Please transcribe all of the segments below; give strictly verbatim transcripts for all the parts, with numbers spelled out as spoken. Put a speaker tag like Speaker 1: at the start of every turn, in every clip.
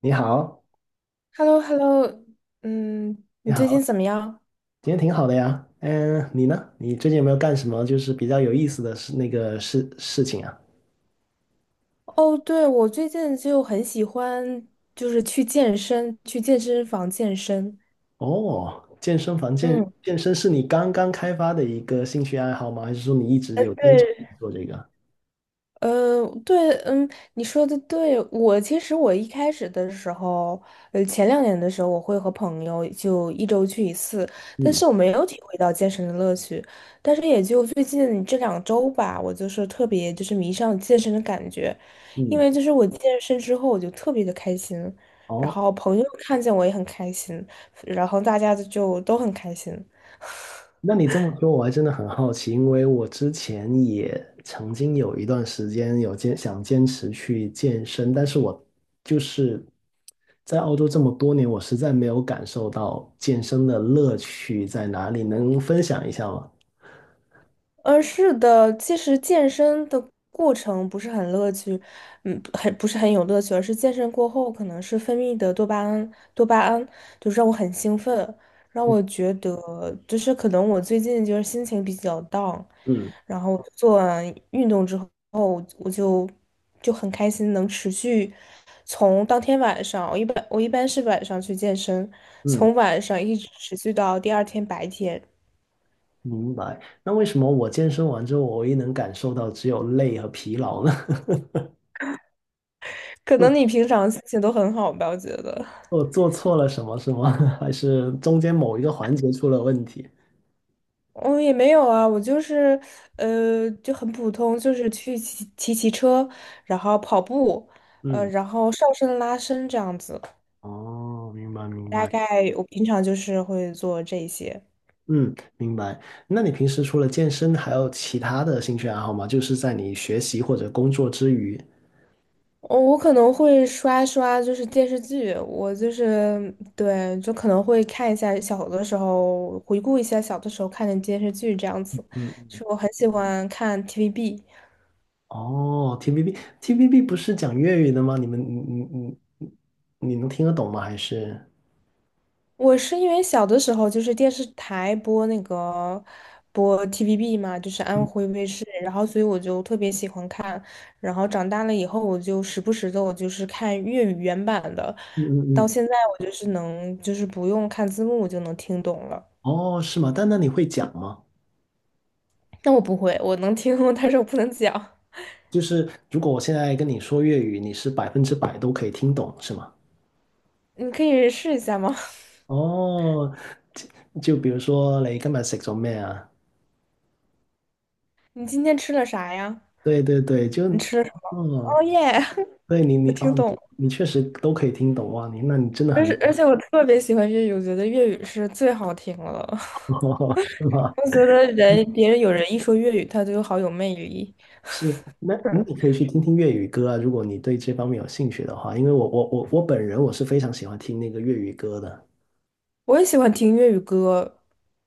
Speaker 1: 你好，
Speaker 2: h e l l o h e l l o。 嗯，
Speaker 1: 你
Speaker 2: 你最近
Speaker 1: 好，
Speaker 2: 怎么样？
Speaker 1: 今天挺好的呀。嗯，你呢？你最近有没有干什么就是比较有意思的事那个事事情啊？
Speaker 2: 哦，对，我最近就很喜欢，就是去健身，去健身房健身。
Speaker 1: 哦，健身房健
Speaker 2: 嗯，
Speaker 1: 健身是你刚刚开发的一个兴趣爱好吗？还是说你一直
Speaker 2: 呃，
Speaker 1: 有坚持
Speaker 2: 对。
Speaker 1: 做这个？
Speaker 2: 呃，对，嗯，你说的对。我其实我一开始的时候，呃，前两年的时候，我会和朋友就一周去一次，但
Speaker 1: 嗯
Speaker 2: 是我没有体会到健身的乐趣。但是也就最近这两周吧，我就是特别就是迷上健身的感觉，因
Speaker 1: 嗯，
Speaker 2: 为就是我健身之后，我就特别的开心，然
Speaker 1: 哦，
Speaker 2: 后朋友看见我也很开心，然后大家就都很开心。
Speaker 1: 那你这么说，我还真的很好奇，因为我之前也曾经有一段时间有坚想坚持去健身，但是我就是在澳洲这么多年，我实在没有感受到健身的乐趣在哪里，能分享一下吗？
Speaker 2: 嗯，是的，其实健身的过程不是很乐趣，嗯，很不是很有乐趣，而是健身过后可能是分泌的多巴胺，多巴胺就是让我很兴奋，让我觉得就是可能我最近就是心情比较 down,
Speaker 1: 嗯
Speaker 2: 然后做完运动之后，我就就很开心，能持续从当天晚上，我一般我一般是晚上去健身，
Speaker 1: 嗯，
Speaker 2: 从晚上一直持续到第二天白天。
Speaker 1: 明白。那为什么我健身完之后，我唯一能感受到只有累和疲劳呢？
Speaker 2: 可能你
Speaker 1: 做
Speaker 2: 平常心情都很好吧，我觉得。
Speaker 1: 做做错了什么是吗？还是中间某一个环节出了问题？
Speaker 2: 我也没有啊，我就是呃就很普通，就是去骑骑骑车，然后跑步，呃，
Speaker 1: 嗯，
Speaker 2: 然后上身拉伸这样子。
Speaker 1: 哦，明白明
Speaker 2: 大
Speaker 1: 白。
Speaker 2: 概我平常就是会做这些。
Speaker 1: 嗯，明白。那你平时除了健身，还有其他的兴趣爱好吗？就是在你学习或者工作之余。
Speaker 2: 哦，我可能会刷刷，就是电视剧，我就是对，就可能会看一下小的时候，回顾一下小的时候看的电视剧这样子。
Speaker 1: 嗯，
Speaker 2: 是我很喜欢看 T V B。
Speaker 1: 哦，T B B，T B B 不是讲粤语的吗？你们，你你你，你能听得懂吗？还是？
Speaker 2: 我是因为小的时候就是电视台播那个播 T V B 嘛，就是安徽卫视，然后所以我就特别喜欢看，然后长大了以后我就时不时的我就是看粤语原版的，
Speaker 1: 嗯
Speaker 2: 到
Speaker 1: 嗯。
Speaker 2: 现在我就是能就是不用看字幕我就能听懂了。
Speaker 1: 哦，是吗？但那你会讲吗？
Speaker 2: 那我不会，我能听，但是我不能讲。
Speaker 1: 就是如果我现在跟你说粤语，你是百分之百都可以听懂，是吗？
Speaker 2: 你可以试一下吗？
Speaker 1: 哦，就就比如说你今日食咗咩啊？
Speaker 2: 你今天吃了啥呀？
Speaker 1: 对对对，就
Speaker 2: 你吃了什么？
Speaker 1: 哦，
Speaker 2: 哦耶，
Speaker 1: 对你，
Speaker 2: 我
Speaker 1: 你
Speaker 2: 听
Speaker 1: 哦，
Speaker 2: 懂了。
Speaker 1: 你你确实都可以听懂哇，你那你真的
Speaker 2: 但是
Speaker 1: 很，
Speaker 2: 而且我特别喜欢粤语，我觉得粤语是最好听了。
Speaker 1: 是吗？
Speaker 2: 我觉得人别人有人一说粤语，他就好有魅力。嗯，
Speaker 1: 是，那那你可以去听听粤语歌啊，如果你对这方面有兴趣的话，因为我我我我本人我是非常喜欢听那个粤语歌的。
Speaker 2: 我也喜欢听粤语歌。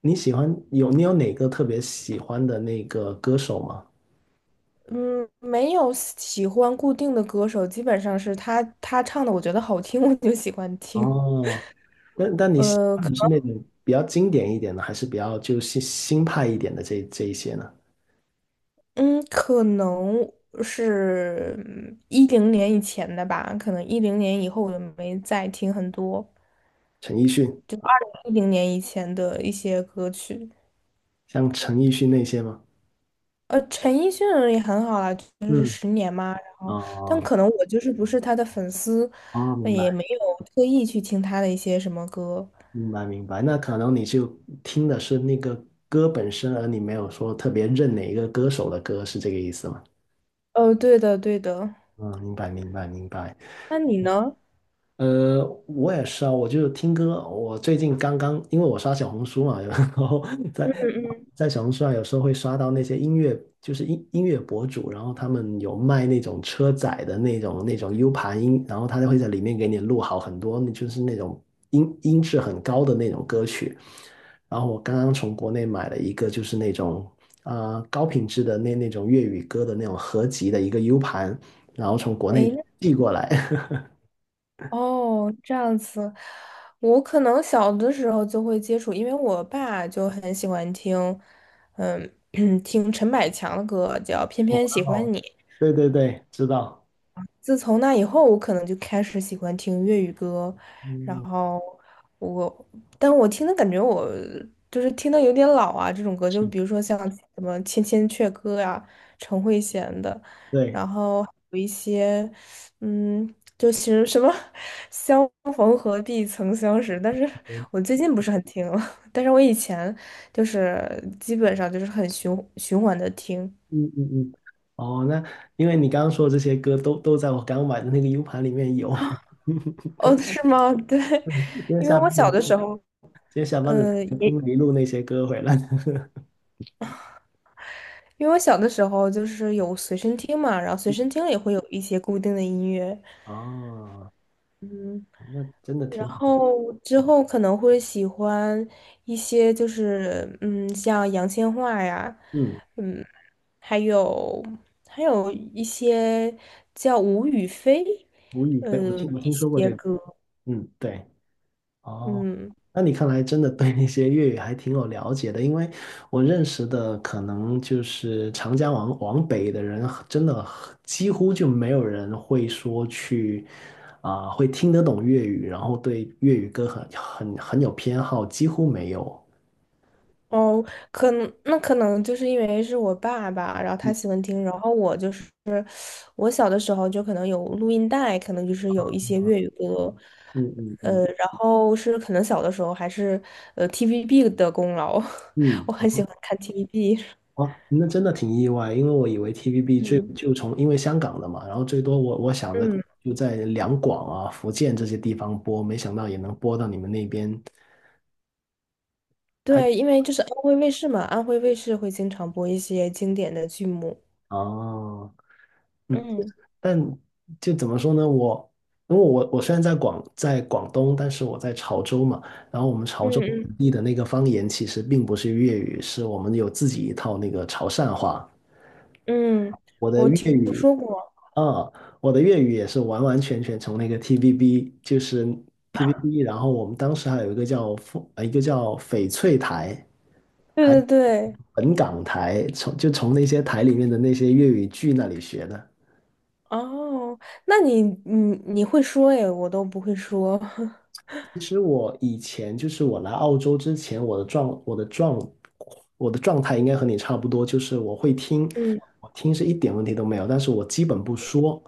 Speaker 1: 你喜欢有你有哪个特别喜欢的那个歌手吗？
Speaker 2: 嗯，没有喜欢固定的歌手，基本上是他他唱的，我觉得好听，我就喜欢听。
Speaker 1: 哦，但但你喜
Speaker 2: 呃，
Speaker 1: 欢的是
Speaker 2: 可
Speaker 1: 那种比较经典一点的，还是比较就新新派一点的这这一些呢？
Speaker 2: 能嗯，可能是一零年以前的吧，可能一零年以后我就没再听很多
Speaker 1: 陈奕迅，
Speaker 2: 一零年以前的一些歌曲。
Speaker 1: 像陈奕迅那些吗？
Speaker 2: 呃，陈奕迅也很好啦，就是
Speaker 1: 嗯，
Speaker 2: 十年嘛，然后，但
Speaker 1: 哦
Speaker 2: 可能我就是不是他的粉丝，
Speaker 1: 哦，
Speaker 2: 呃
Speaker 1: 明
Speaker 2: 也
Speaker 1: 白。
Speaker 2: 没有特意去听他的一些什么歌。
Speaker 1: 明白明白，那可能你就听的是那个歌本身，而你没有说特别认哪一个歌手的歌，是这个意思吗？
Speaker 2: 哦，对的，对的。
Speaker 1: 嗯，明白明白明白。
Speaker 2: 那你呢？
Speaker 1: 呃，我也是啊，我就听歌。我最近刚刚，因为我刷小红书嘛，然后
Speaker 2: 嗯
Speaker 1: 在
Speaker 2: 嗯。
Speaker 1: 在小红书上有时候会刷到那些音乐，就是音音乐博主，然后他们有卖那种车载的那种那种 U 盘音，然后他就会在里面给你录好很多，就是那种音音质很高的那种歌曲。然后我刚刚从国内买了一个，就是那种啊高品质的那那种粤语歌的那种合集的一个 U 盘，然后从国
Speaker 2: 诶，
Speaker 1: 内
Speaker 2: 那
Speaker 1: 寄过来。
Speaker 2: 哦，这样子，我可能小的时候就会接触，因为我爸就很喜欢听，嗯，听陈百强的歌，叫《偏偏喜 欢你》。
Speaker 1: 对对对，知道，
Speaker 2: 自从那以后，我可能就开始喜欢听粤语歌，然
Speaker 1: 嗯，
Speaker 2: 后我，但我听的感觉我就是听的有点老啊，这种歌，就
Speaker 1: 是，
Speaker 2: 比如说像什么《千千阙歌》呀、陈慧娴的，
Speaker 1: 对，
Speaker 2: 然后有一些，嗯，就是什么"相逢何必曾相识"，但是
Speaker 1: 嗯
Speaker 2: 我最近不是很听了，但是我以前就是基本上就是很循循环的听。
Speaker 1: 嗯嗯嗯，哦，那因为你刚刚说的这些歌都都在我刚买的那个 U 盘里面有，
Speaker 2: 哦，是吗？对，
Speaker 1: 今天
Speaker 2: 因为
Speaker 1: 下
Speaker 2: 我
Speaker 1: 班
Speaker 2: 小
Speaker 1: 的
Speaker 2: 的
Speaker 1: 今
Speaker 2: 时候。
Speaker 1: 天下班的时
Speaker 2: 呃，
Speaker 1: 候
Speaker 2: 也
Speaker 1: 听了一路那些歌回来，
Speaker 2: 因为我小的时候就是有随身听嘛，然后随身听里会有一些固定的音乐，
Speaker 1: 哦，那真的
Speaker 2: 然
Speaker 1: 挺好，
Speaker 2: 后之后可能会喜欢一些就是嗯，像杨千嬅呀，
Speaker 1: 嗯，
Speaker 2: 嗯，还有还有一些叫吴雨霏，
Speaker 1: 吴雨霏，我
Speaker 2: 嗯，
Speaker 1: 听我听说
Speaker 2: 一
Speaker 1: 过
Speaker 2: 些
Speaker 1: 这个，
Speaker 2: 歌，
Speaker 1: 嗯，对。哦，
Speaker 2: 嗯。
Speaker 1: 那你看来真的对那些粤语还挺有了解的，因为我认识的可能就是长江往往北的人，真的几乎就没有人会说去啊、会听得懂粤语，然后对粤语歌很很很有偏好，几乎没有。
Speaker 2: 哦，可能那可能就是因为是我爸爸，然后他
Speaker 1: 嗯
Speaker 2: 喜欢听，然后我就是我小的时候就可能有录音带，可能就是有一些粤语歌，
Speaker 1: 嗯嗯嗯，
Speaker 2: 呃，然后是可能小的时候还是呃 T V B 的功劳，
Speaker 1: 嗯
Speaker 2: 我很喜欢看 T V B
Speaker 1: 哦，那真的挺意外，因为我以为 T V B 最
Speaker 2: 嗯
Speaker 1: 就从因为香港的嘛，然后最多我我想着
Speaker 2: 嗯，
Speaker 1: 就在两广啊、福建这些地方播，没想到也能播到你们那边。还
Speaker 2: 对，因为就是安徽卫视嘛，安徽卫视会经常播一些经典的剧目。
Speaker 1: 哦，嗯，
Speaker 2: 嗯
Speaker 1: 但就怎么说呢？我因为我我虽然在广在广东，但是我在潮州嘛，然后我们潮州
Speaker 2: 嗯
Speaker 1: 本地的那个方言其实并不是粤语，是我们有自己一套那个潮汕话。
Speaker 2: 嗯嗯，
Speaker 1: 我的
Speaker 2: 我
Speaker 1: 粤
Speaker 2: 听
Speaker 1: 语
Speaker 2: 说过。
Speaker 1: 啊，我的粤语也是完完全全从那个 T V B，就是 T V B，然后我们当时还有一个叫凤呃一个叫翡翠台，
Speaker 2: 对
Speaker 1: 还有
Speaker 2: 对对，
Speaker 1: 本港台，从就从那些台里面的那些粤语剧那里学的。
Speaker 2: 哦，那你你你会说耶，我都不会说。
Speaker 1: 其实我以前就是我来澳洲之前，我的状我的状我的状态应该和你差不多，就是我会听，
Speaker 2: 嗯
Speaker 1: 我听是一点问题都没有，但是我基本不说。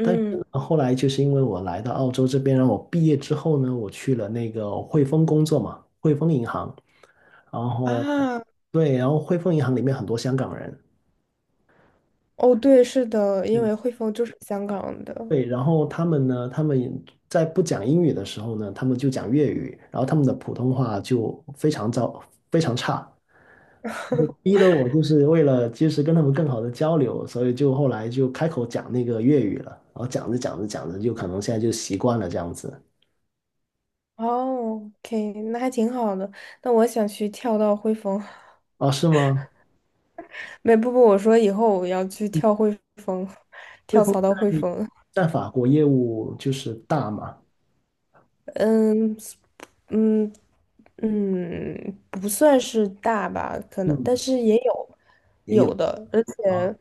Speaker 1: 但是呢，后来就是因为我来到澳洲这边，然后我毕业之后呢，我去了那个汇丰工作嘛，汇丰银行，然后
Speaker 2: 啊。
Speaker 1: 对，然后汇丰银行里面很多香港人，
Speaker 2: 哦，对，是的，因为汇丰就是香港的。
Speaker 1: 对，然后他们呢，他们也在不讲英语的时候呢，他们就讲粤语，然后他们的普通话就非常糟，非常差，我逼得我就是为了及时跟他们更好的交流，所以就后来就开口讲那个粤语了，然后讲着讲着讲着，就可能现在就习惯了这样子。
Speaker 2: 哦，OK,那还挺好的。那我想去跳到汇丰，
Speaker 1: 啊？是吗？
Speaker 2: 没，不不，我说以后我要去跳汇丰，
Speaker 1: 汇
Speaker 2: 跳
Speaker 1: 丰
Speaker 2: 槽到汇
Speaker 1: 在
Speaker 2: 丰。
Speaker 1: 在法国业务就是大嘛，
Speaker 2: 嗯嗯嗯，不算是大吧，可能，
Speaker 1: 嗯，
Speaker 2: 但是也有
Speaker 1: 也
Speaker 2: 有
Speaker 1: 有。
Speaker 2: 的，而
Speaker 1: 啊。
Speaker 2: 且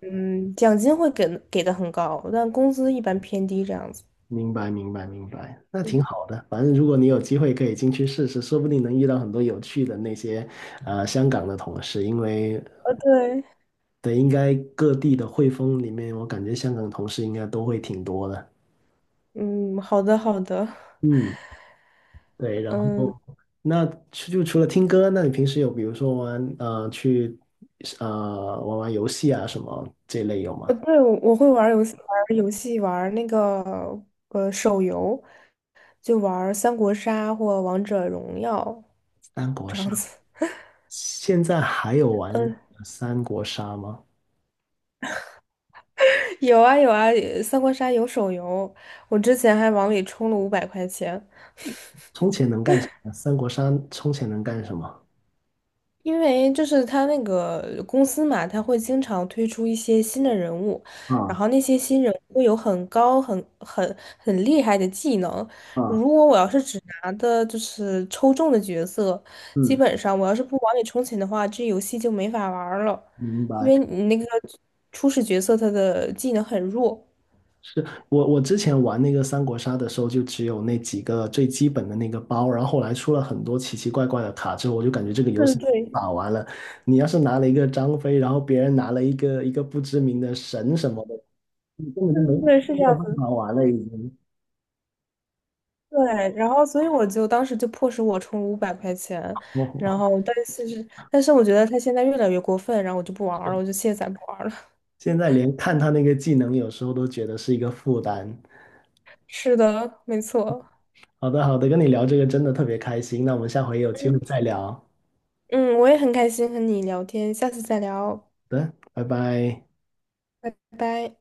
Speaker 2: 嗯，奖金会给给的很高，但工资一般偏低这样子。
Speaker 1: 明白，明白，明白，那挺好的。反正如果你有机会可以进去试试，说不定能遇到很多有趣的那些呃香港的同事，因为
Speaker 2: 呃，对，
Speaker 1: 对，应该各地的汇丰里面，我感觉香港同事应该都会挺多的。
Speaker 2: 嗯，好的好的，
Speaker 1: 嗯，对。然
Speaker 2: 嗯。
Speaker 1: 后那除就除了听歌，那你平时有比如说玩呃去呃玩玩游戏啊什么这类有吗？
Speaker 2: 呃，对，我我会玩儿游戏，玩儿游戏，玩儿那个呃手游，就玩儿三国杀或王者荣耀
Speaker 1: 三国
Speaker 2: 这样
Speaker 1: 杀，
Speaker 2: 子。
Speaker 1: 现在还有玩
Speaker 2: 嗯，
Speaker 1: 三国杀吗？
Speaker 2: 有啊有啊，呃三国杀有手游，我之前还往里充了五百块钱。
Speaker 1: 充钱能干什么？三国杀充钱能干什么？
Speaker 2: 因为就是他那个公司嘛，他会经常推出一些新的人物，然
Speaker 1: 啊
Speaker 2: 后那些新人物会有很高、很很很厉害的技能。
Speaker 1: 啊，
Speaker 2: 如果我要是只拿的就是抽中的角色，基
Speaker 1: 嗯，
Speaker 2: 本上我要是不往里充钱的话，这游戏就没法玩儿了，
Speaker 1: 明
Speaker 2: 因
Speaker 1: 白。
Speaker 2: 为你那个初始角色他的技能很弱。
Speaker 1: 是我我之前玩那个三国杀的时候，就只有那几个最基本的那个包，然后后来出了很多奇奇怪怪的卡之后，我就感觉这个游
Speaker 2: 嗯，
Speaker 1: 戏
Speaker 2: 对，
Speaker 1: 打完了。你要是拿了一个张飞，然后别人拿了一个一个不知名的神什么的，你根本就没
Speaker 2: 嗯，对，是这
Speaker 1: 没有
Speaker 2: 样。
Speaker 1: 办法玩了，已经。
Speaker 2: 对，然后所以我就当时就迫使我充五百块钱，然
Speaker 1: 哦，
Speaker 2: 后但是但是我觉得他现在越来越过分，然后我就不玩儿了，我就卸载不玩儿了。
Speaker 1: 现在连看他那个技能，有时候都觉得是一个负担。
Speaker 2: 是的，没错。
Speaker 1: 好的，好的，跟你聊这个真的特别开心，那我们下回有机会
Speaker 2: 嗯
Speaker 1: 再聊。
Speaker 2: 嗯，我也很开心和你聊天，下次再聊，
Speaker 1: 好的，拜拜。
Speaker 2: 拜拜。